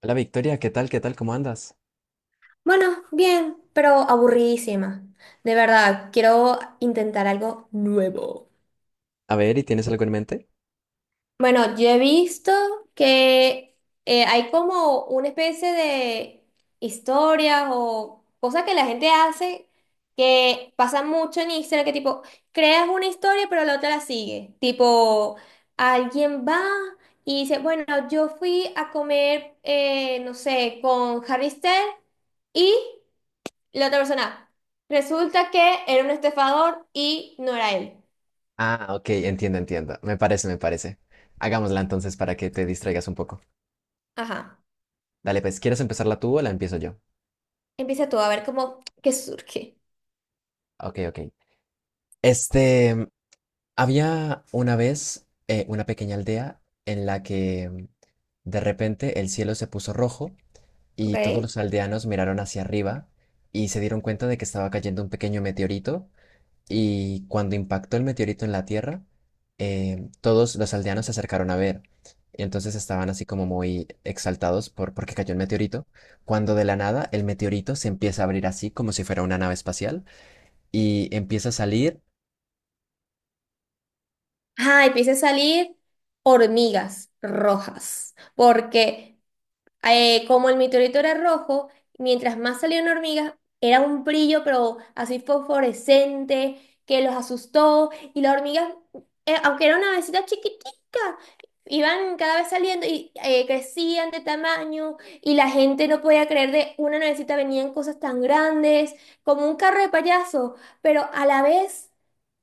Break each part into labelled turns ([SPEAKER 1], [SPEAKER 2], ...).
[SPEAKER 1] Hola Victoria, ¿qué tal? ¿Qué tal? ¿Cómo andas?
[SPEAKER 2] Bueno, bien, pero aburridísima. De verdad, quiero intentar algo.
[SPEAKER 1] A ver, ¿y tienes algo en mente?
[SPEAKER 2] Bueno, yo he visto que hay como una especie de historias o cosas que la gente hace que pasa mucho en Instagram, que tipo, creas una historia pero la otra la sigue. Tipo, alguien va y dice, bueno, yo fui a comer, no sé, con Harry Styles y... La otra persona, resulta que era un estafador y no era él.
[SPEAKER 1] Ah, ok, entiendo, entiendo. Me parece, me parece. Hagámosla entonces para que te distraigas un poco.
[SPEAKER 2] Ajá.
[SPEAKER 1] Dale, pues, ¿quieres empezarla tú o la empiezo yo?
[SPEAKER 2] Empieza tú a ver cómo, qué surge.
[SPEAKER 1] Ok, ok. Este, Había una vez una pequeña aldea en la que de repente el cielo se puso rojo y todos
[SPEAKER 2] ¿Ok?
[SPEAKER 1] los aldeanos miraron hacia arriba y se dieron cuenta de que estaba cayendo un pequeño meteorito. Y cuando impactó el meteorito en la Tierra, todos los aldeanos se acercaron a ver. Y entonces estaban así como muy exaltados porque cayó el meteorito, cuando de la nada el meteorito se empieza a abrir así como si fuera una nave espacial y empieza a salir.
[SPEAKER 2] Ajá, empieza a salir hormigas rojas, porque como el meteorito era rojo, mientras más salían hormigas, era un brillo, pero así fosforescente, que los asustó. Y las hormigas, aunque era una avecita chiquitica, iban cada vez saliendo y crecían de tamaño. Y la gente no podía creer de una navecita venían cosas tan grandes, como un carro de payaso. Pero a la vez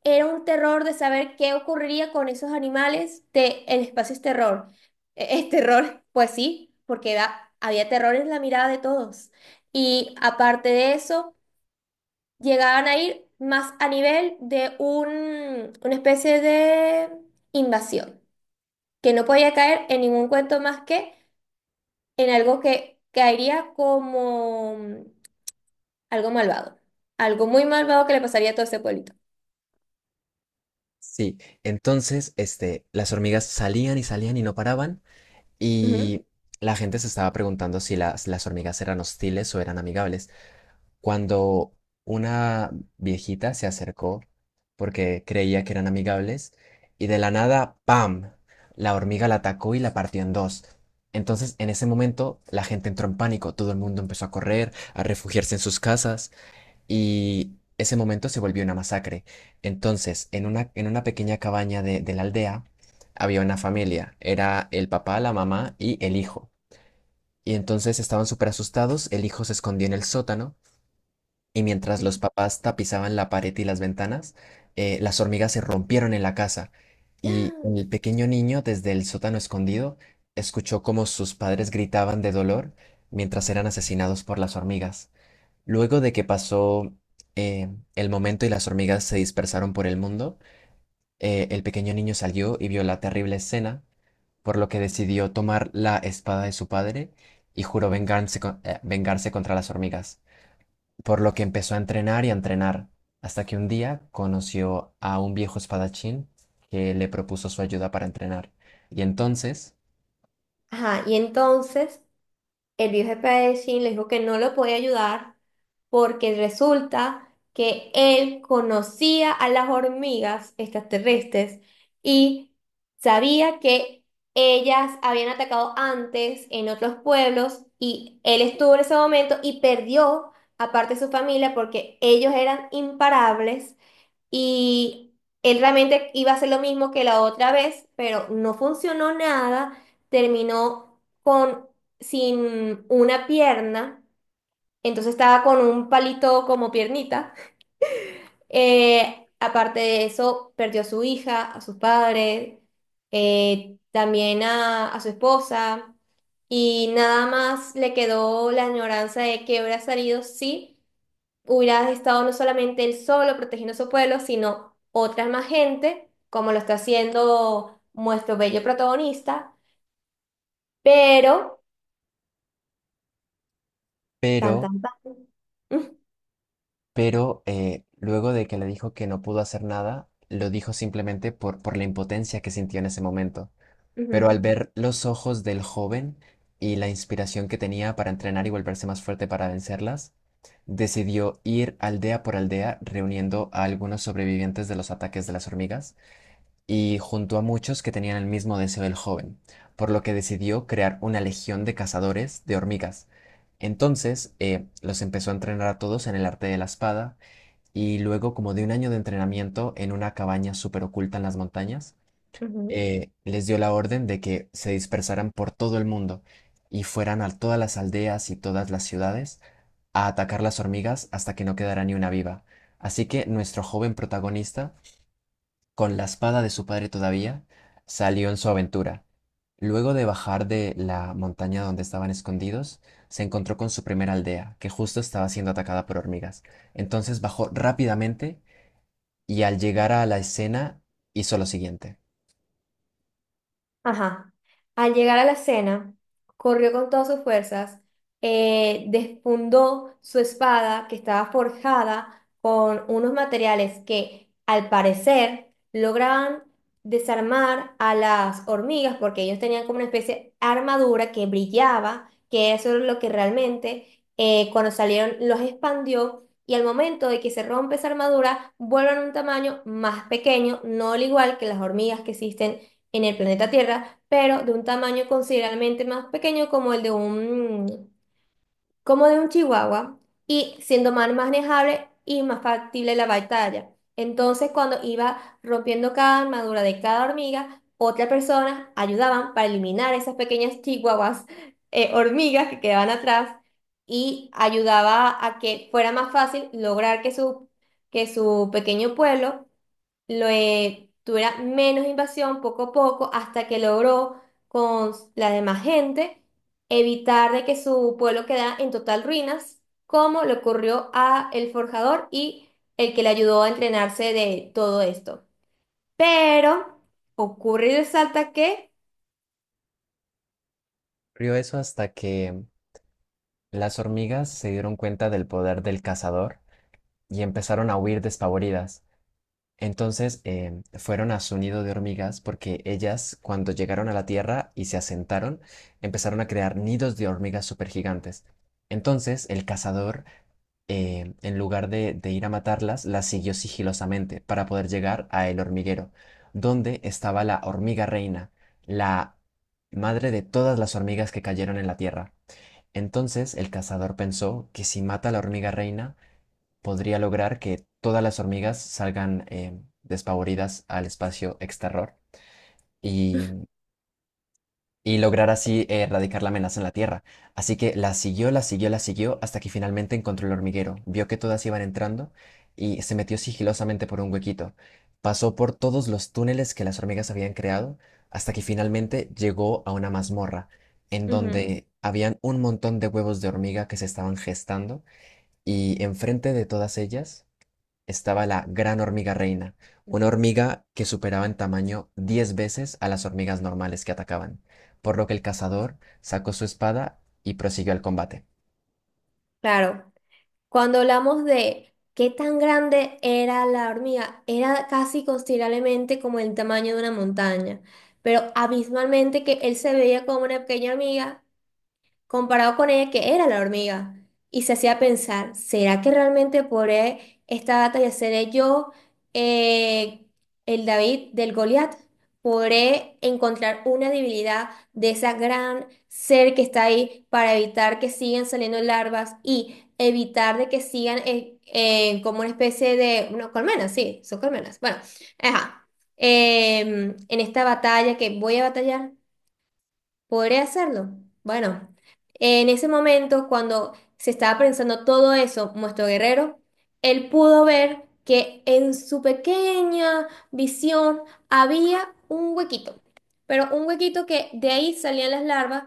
[SPEAKER 2] era un terror de saber qué ocurriría con esos animales. De El espacio es terror. Es terror, pues sí, porque había terror en la mirada de todos. Y aparte de eso, llegaban a ir más a nivel de una especie de invasión, que no podía caer en ningún cuento más que en algo que caería como algo malvado, algo muy malvado que le pasaría a todo ese pueblito.
[SPEAKER 1] Sí, entonces las hormigas salían y salían y no paraban,
[SPEAKER 2] Ujú.
[SPEAKER 1] y la gente se estaba preguntando si las hormigas eran hostiles o eran amigables, cuando una viejita se acercó porque creía que eran amigables y de la nada, ¡pam! La hormiga la atacó y la partió en dos. Entonces, en ese momento, la gente entró en pánico, todo el mundo empezó a correr, a refugiarse en sus casas, y ese momento se volvió una masacre. Entonces, en una pequeña cabaña de la aldea había una familia, era el papá, la mamá y el hijo. Y entonces estaban súper asustados, el hijo se escondió en el sótano y mientras los papás tapizaban la pared y las ventanas, las hormigas se rompieron en la casa y el pequeño niño, desde el sótano escondido, escuchó cómo sus padres gritaban de dolor mientras eran asesinados por las hormigas. Luego de que pasó eh, el momento y las hormigas se dispersaron por el mundo, el pequeño niño salió y vio la terrible escena, por lo que decidió tomar la espada de su padre y juró vengarse, vengarse contra las hormigas, por lo que empezó a entrenar y a entrenar, hasta que un día conoció a un viejo espadachín que le propuso su ayuda para entrenar. Y entonces,
[SPEAKER 2] Ajá, y entonces el viejo jefe de Shin le dijo que no lo podía ayudar porque resulta que él conocía a las hormigas extraterrestres y sabía que ellas habían atacado antes en otros pueblos y él estuvo en ese momento y perdió aparte su familia porque ellos eran imparables y él realmente iba a hacer lo mismo que la otra vez, pero no funcionó nada. Terminó con sin una pierna, entonces estaba con un palito como piernita. Aparte de eso, perdió a su hija, a sus padres, también a su esposa. Y nada más le quedó la añoranza de que hubiera salido, sí hubiera estado no solamente él solo protegiendo su pueblo, sino otras más gente, como lo está haciendo nuestro bello protagonista, pero tan,
[SPEAKER 1] pero,
[SPEAKER 2] tan, tan.
[SPEAKER 1] pero, luego de que le dijo que no pudo hacer nada, lo dijo simplemente por la impotencia que sintió en ese momento. Pero
[SPEAKER 2] Ujú,
[SPEAKER 1] al ver los ojos del joven y la inspiración que tenía para entrenar y volverse más fuerte para vencerlas, decidió ir aldea por aldea reuniendo a algunos sobrevivientes de los ataques de las hormigas y juntó a muchos que tenían el mismo deseo del joven, por lo que decidió crear una legión de cazadores de hormigas. Entonces, los empezó a entrenar a todos en el arte de la espada y luego, como de un año de entrenamiento en una cabaña súper oculta en las montañas,
[SPEAKER 2] ujú, ujú.
[SPEAKER 1] les dio la orden de que se dispersaran por todo el mundo y fueran a todas las aldeas y todas las ciudades a atacar las hormigas hasta que no quedara ni una viva. Así que nuestro joven protagonista, con la espada de su padre todavía, salió en su aventura. Luego de bajar de la montaña donde estaban escondidos, se encontró con su primera aldea, que justo estaba siendo atacada por hormigas. Entonces bajó rápidamente y al llegar a la escena hizo lo siguiente.
[SPEAKER 2] Ajá. Al llegar a la escena, corrió con todas sus fuerzas, desfundó su espada que estaba forjada con unos materiales que, al parecer, lograban desarmar a las hormigas porque ellos tenían como una especie de armadura que brillaba, que eso es lo que realmente, cuando salieron, los expandió. Y al momento de que se rompe esa armadura, vuelven a un tamaño más pequeño, no al igual que las hormigas que existen en el planeta Tierra, pero de un tamaño considerablemente más pequeño como de un chihuahua, y siendo más manejable y más factible la batalla. Entonces, cuando iba rompiendo cada armadura de cada hormiga, otras personas ayudaban para eliminar esas pequeñas chihuahuas, hormigas que quedaban atrás, y ayudaba a que fuera más fácil lograr que su pequeño pueblo lo tuviera menos invasión poco a poco hasta que logró con la demás gente evitar de que su pueblo quedara en total ruinas, como le ocurrió a el forjador y el que le ayudó a entrenarse de todo esto. Pero ocurre y resalta que.
[SPEAKER 1] Ocurrió eso hasta que las hormigas se dieron cuenta del poder del cazador y empezaron a huir despavoridas. Entonces fueron a su nido de hormigas porque ellas, cuando llegaron a la Tierra y se asentaron, empezaron a crear nidos de hormigas supergigantes. Entonces el cazador, en lugar de ir a matarlas, las siguió sigilosamente para poder llegar a el hormiguero, donde estaba la hormiga reina, la madre de todas las hormigas que cayeron en la Tierra. Entonces el cazador pensó que si mata a la hormiga reina, podría lograr que todas las hormigas salgan despavoridas al espacio exterior y, y lograr así erradicar la amenaza en la Tierra. Así que la siguió, la siguió, la siguió hasta que finalmente encontró el hormiguero. Vio que todas iban entrando y se metió sigilosamente por un huequito. Pasó por todos los túneles que las hormigas habían creado hasta que finalmente llegó a una mazmorra en
[SPEAKER 2] Ujú,
[SPEAKER 1] donde habían un montón de huevos de hormiga que se estaban gestando, y enfrente de todas ellas estaba la gran hormiga reina, una hormiga que superaba en tamaño 10 veces a las hormigas normales que atacaban, por lo que el cazador sacó su espada y prosiguió el combate.
[SPEAKER 2] claro. Cuando hablamos de qué tan grande era la hormiga, era casi considerablemente como el tamaño de una montaña, pero abismalmente que él se veía como una pequeña hormiga comparado con ella que era la hormiga. Y se hacía pensar, ¿será que realmente podré esta batalla seré yo, eh, el David del Goliat? ¿Podré encontrar una debilidad de esa gran ser que está ahí para evitar que sigan saliendo larvas y evitar de que sigan como una especie de, no, colmenas, sí, son colmenas? Bueno, ajá. En esta batalla que voy a batallar. Podría hacerlo. Bueno, en ese momento, cuando se estaba pensando todo eso, nuestro guerrero, él pudo ver que en su pequeña visión había un huequito, pero un huequito que de ahí salían las larvas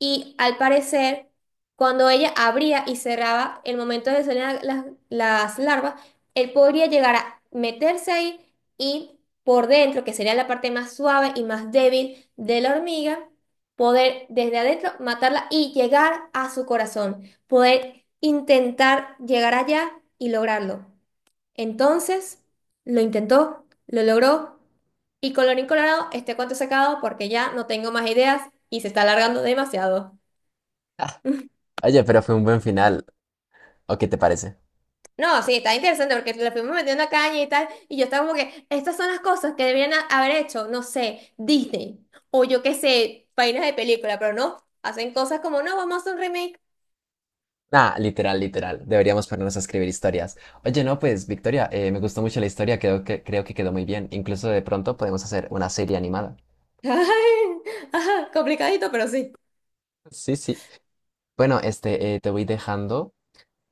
[SPEAKER 2] y, al parecer, cuando ella abría y cerraba el momento de salir las larvas, él podría llegar a meterse ahí y por dentro, que sería la parte más suave y más débil de la hormiga, poder desde adentro matarla y llegar a su corazón, poder intentar llegar allá y lograrlo. Entonces, lo intentó, lo logró y colorín colorado, este cuento se ha acabado porque ya no tengo más ideas y se está alargando demasiado.
[SPEAKER 1] Ah, oye, pero fue un buen final, ¿o qué te parece?
[SPEAKER 2] No, sí, está interesante porque le fuimos metiendo caña y tal, y yo estaba como que, estas son las cosas que deberían haber hecho, no sé, Disney, o yo qué sé, páginas de película, pero no, hacen cosas como, no, vamos a hacer un remake.
[SPEAKER 1] Ah, literal, literal. Deberíamos ponernos a escribir historias. Oye, no, pues, Victoria, me gustó mucho la historia, creo que quedó muy bien. Incluso de pronto podemos hacer una serie animada.
[SPEAKER 2] Ay, ajá, complicadito, pero sí.
[SPEAKER 1] Sí, sí. Bueno, te voy dejando,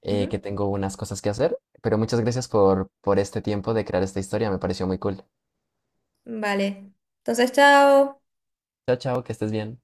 [SPEAKER 2] Ujú.
[SPEAKER 1] que tengo unas cosas que hacer, pero muchas gracias por este tiempo de crear esta historia, me pareció muy cool.
[SPEAKER 2] Vale. Entonces, chao.
[SPEAKER 1] Chao, chao, que estés bien.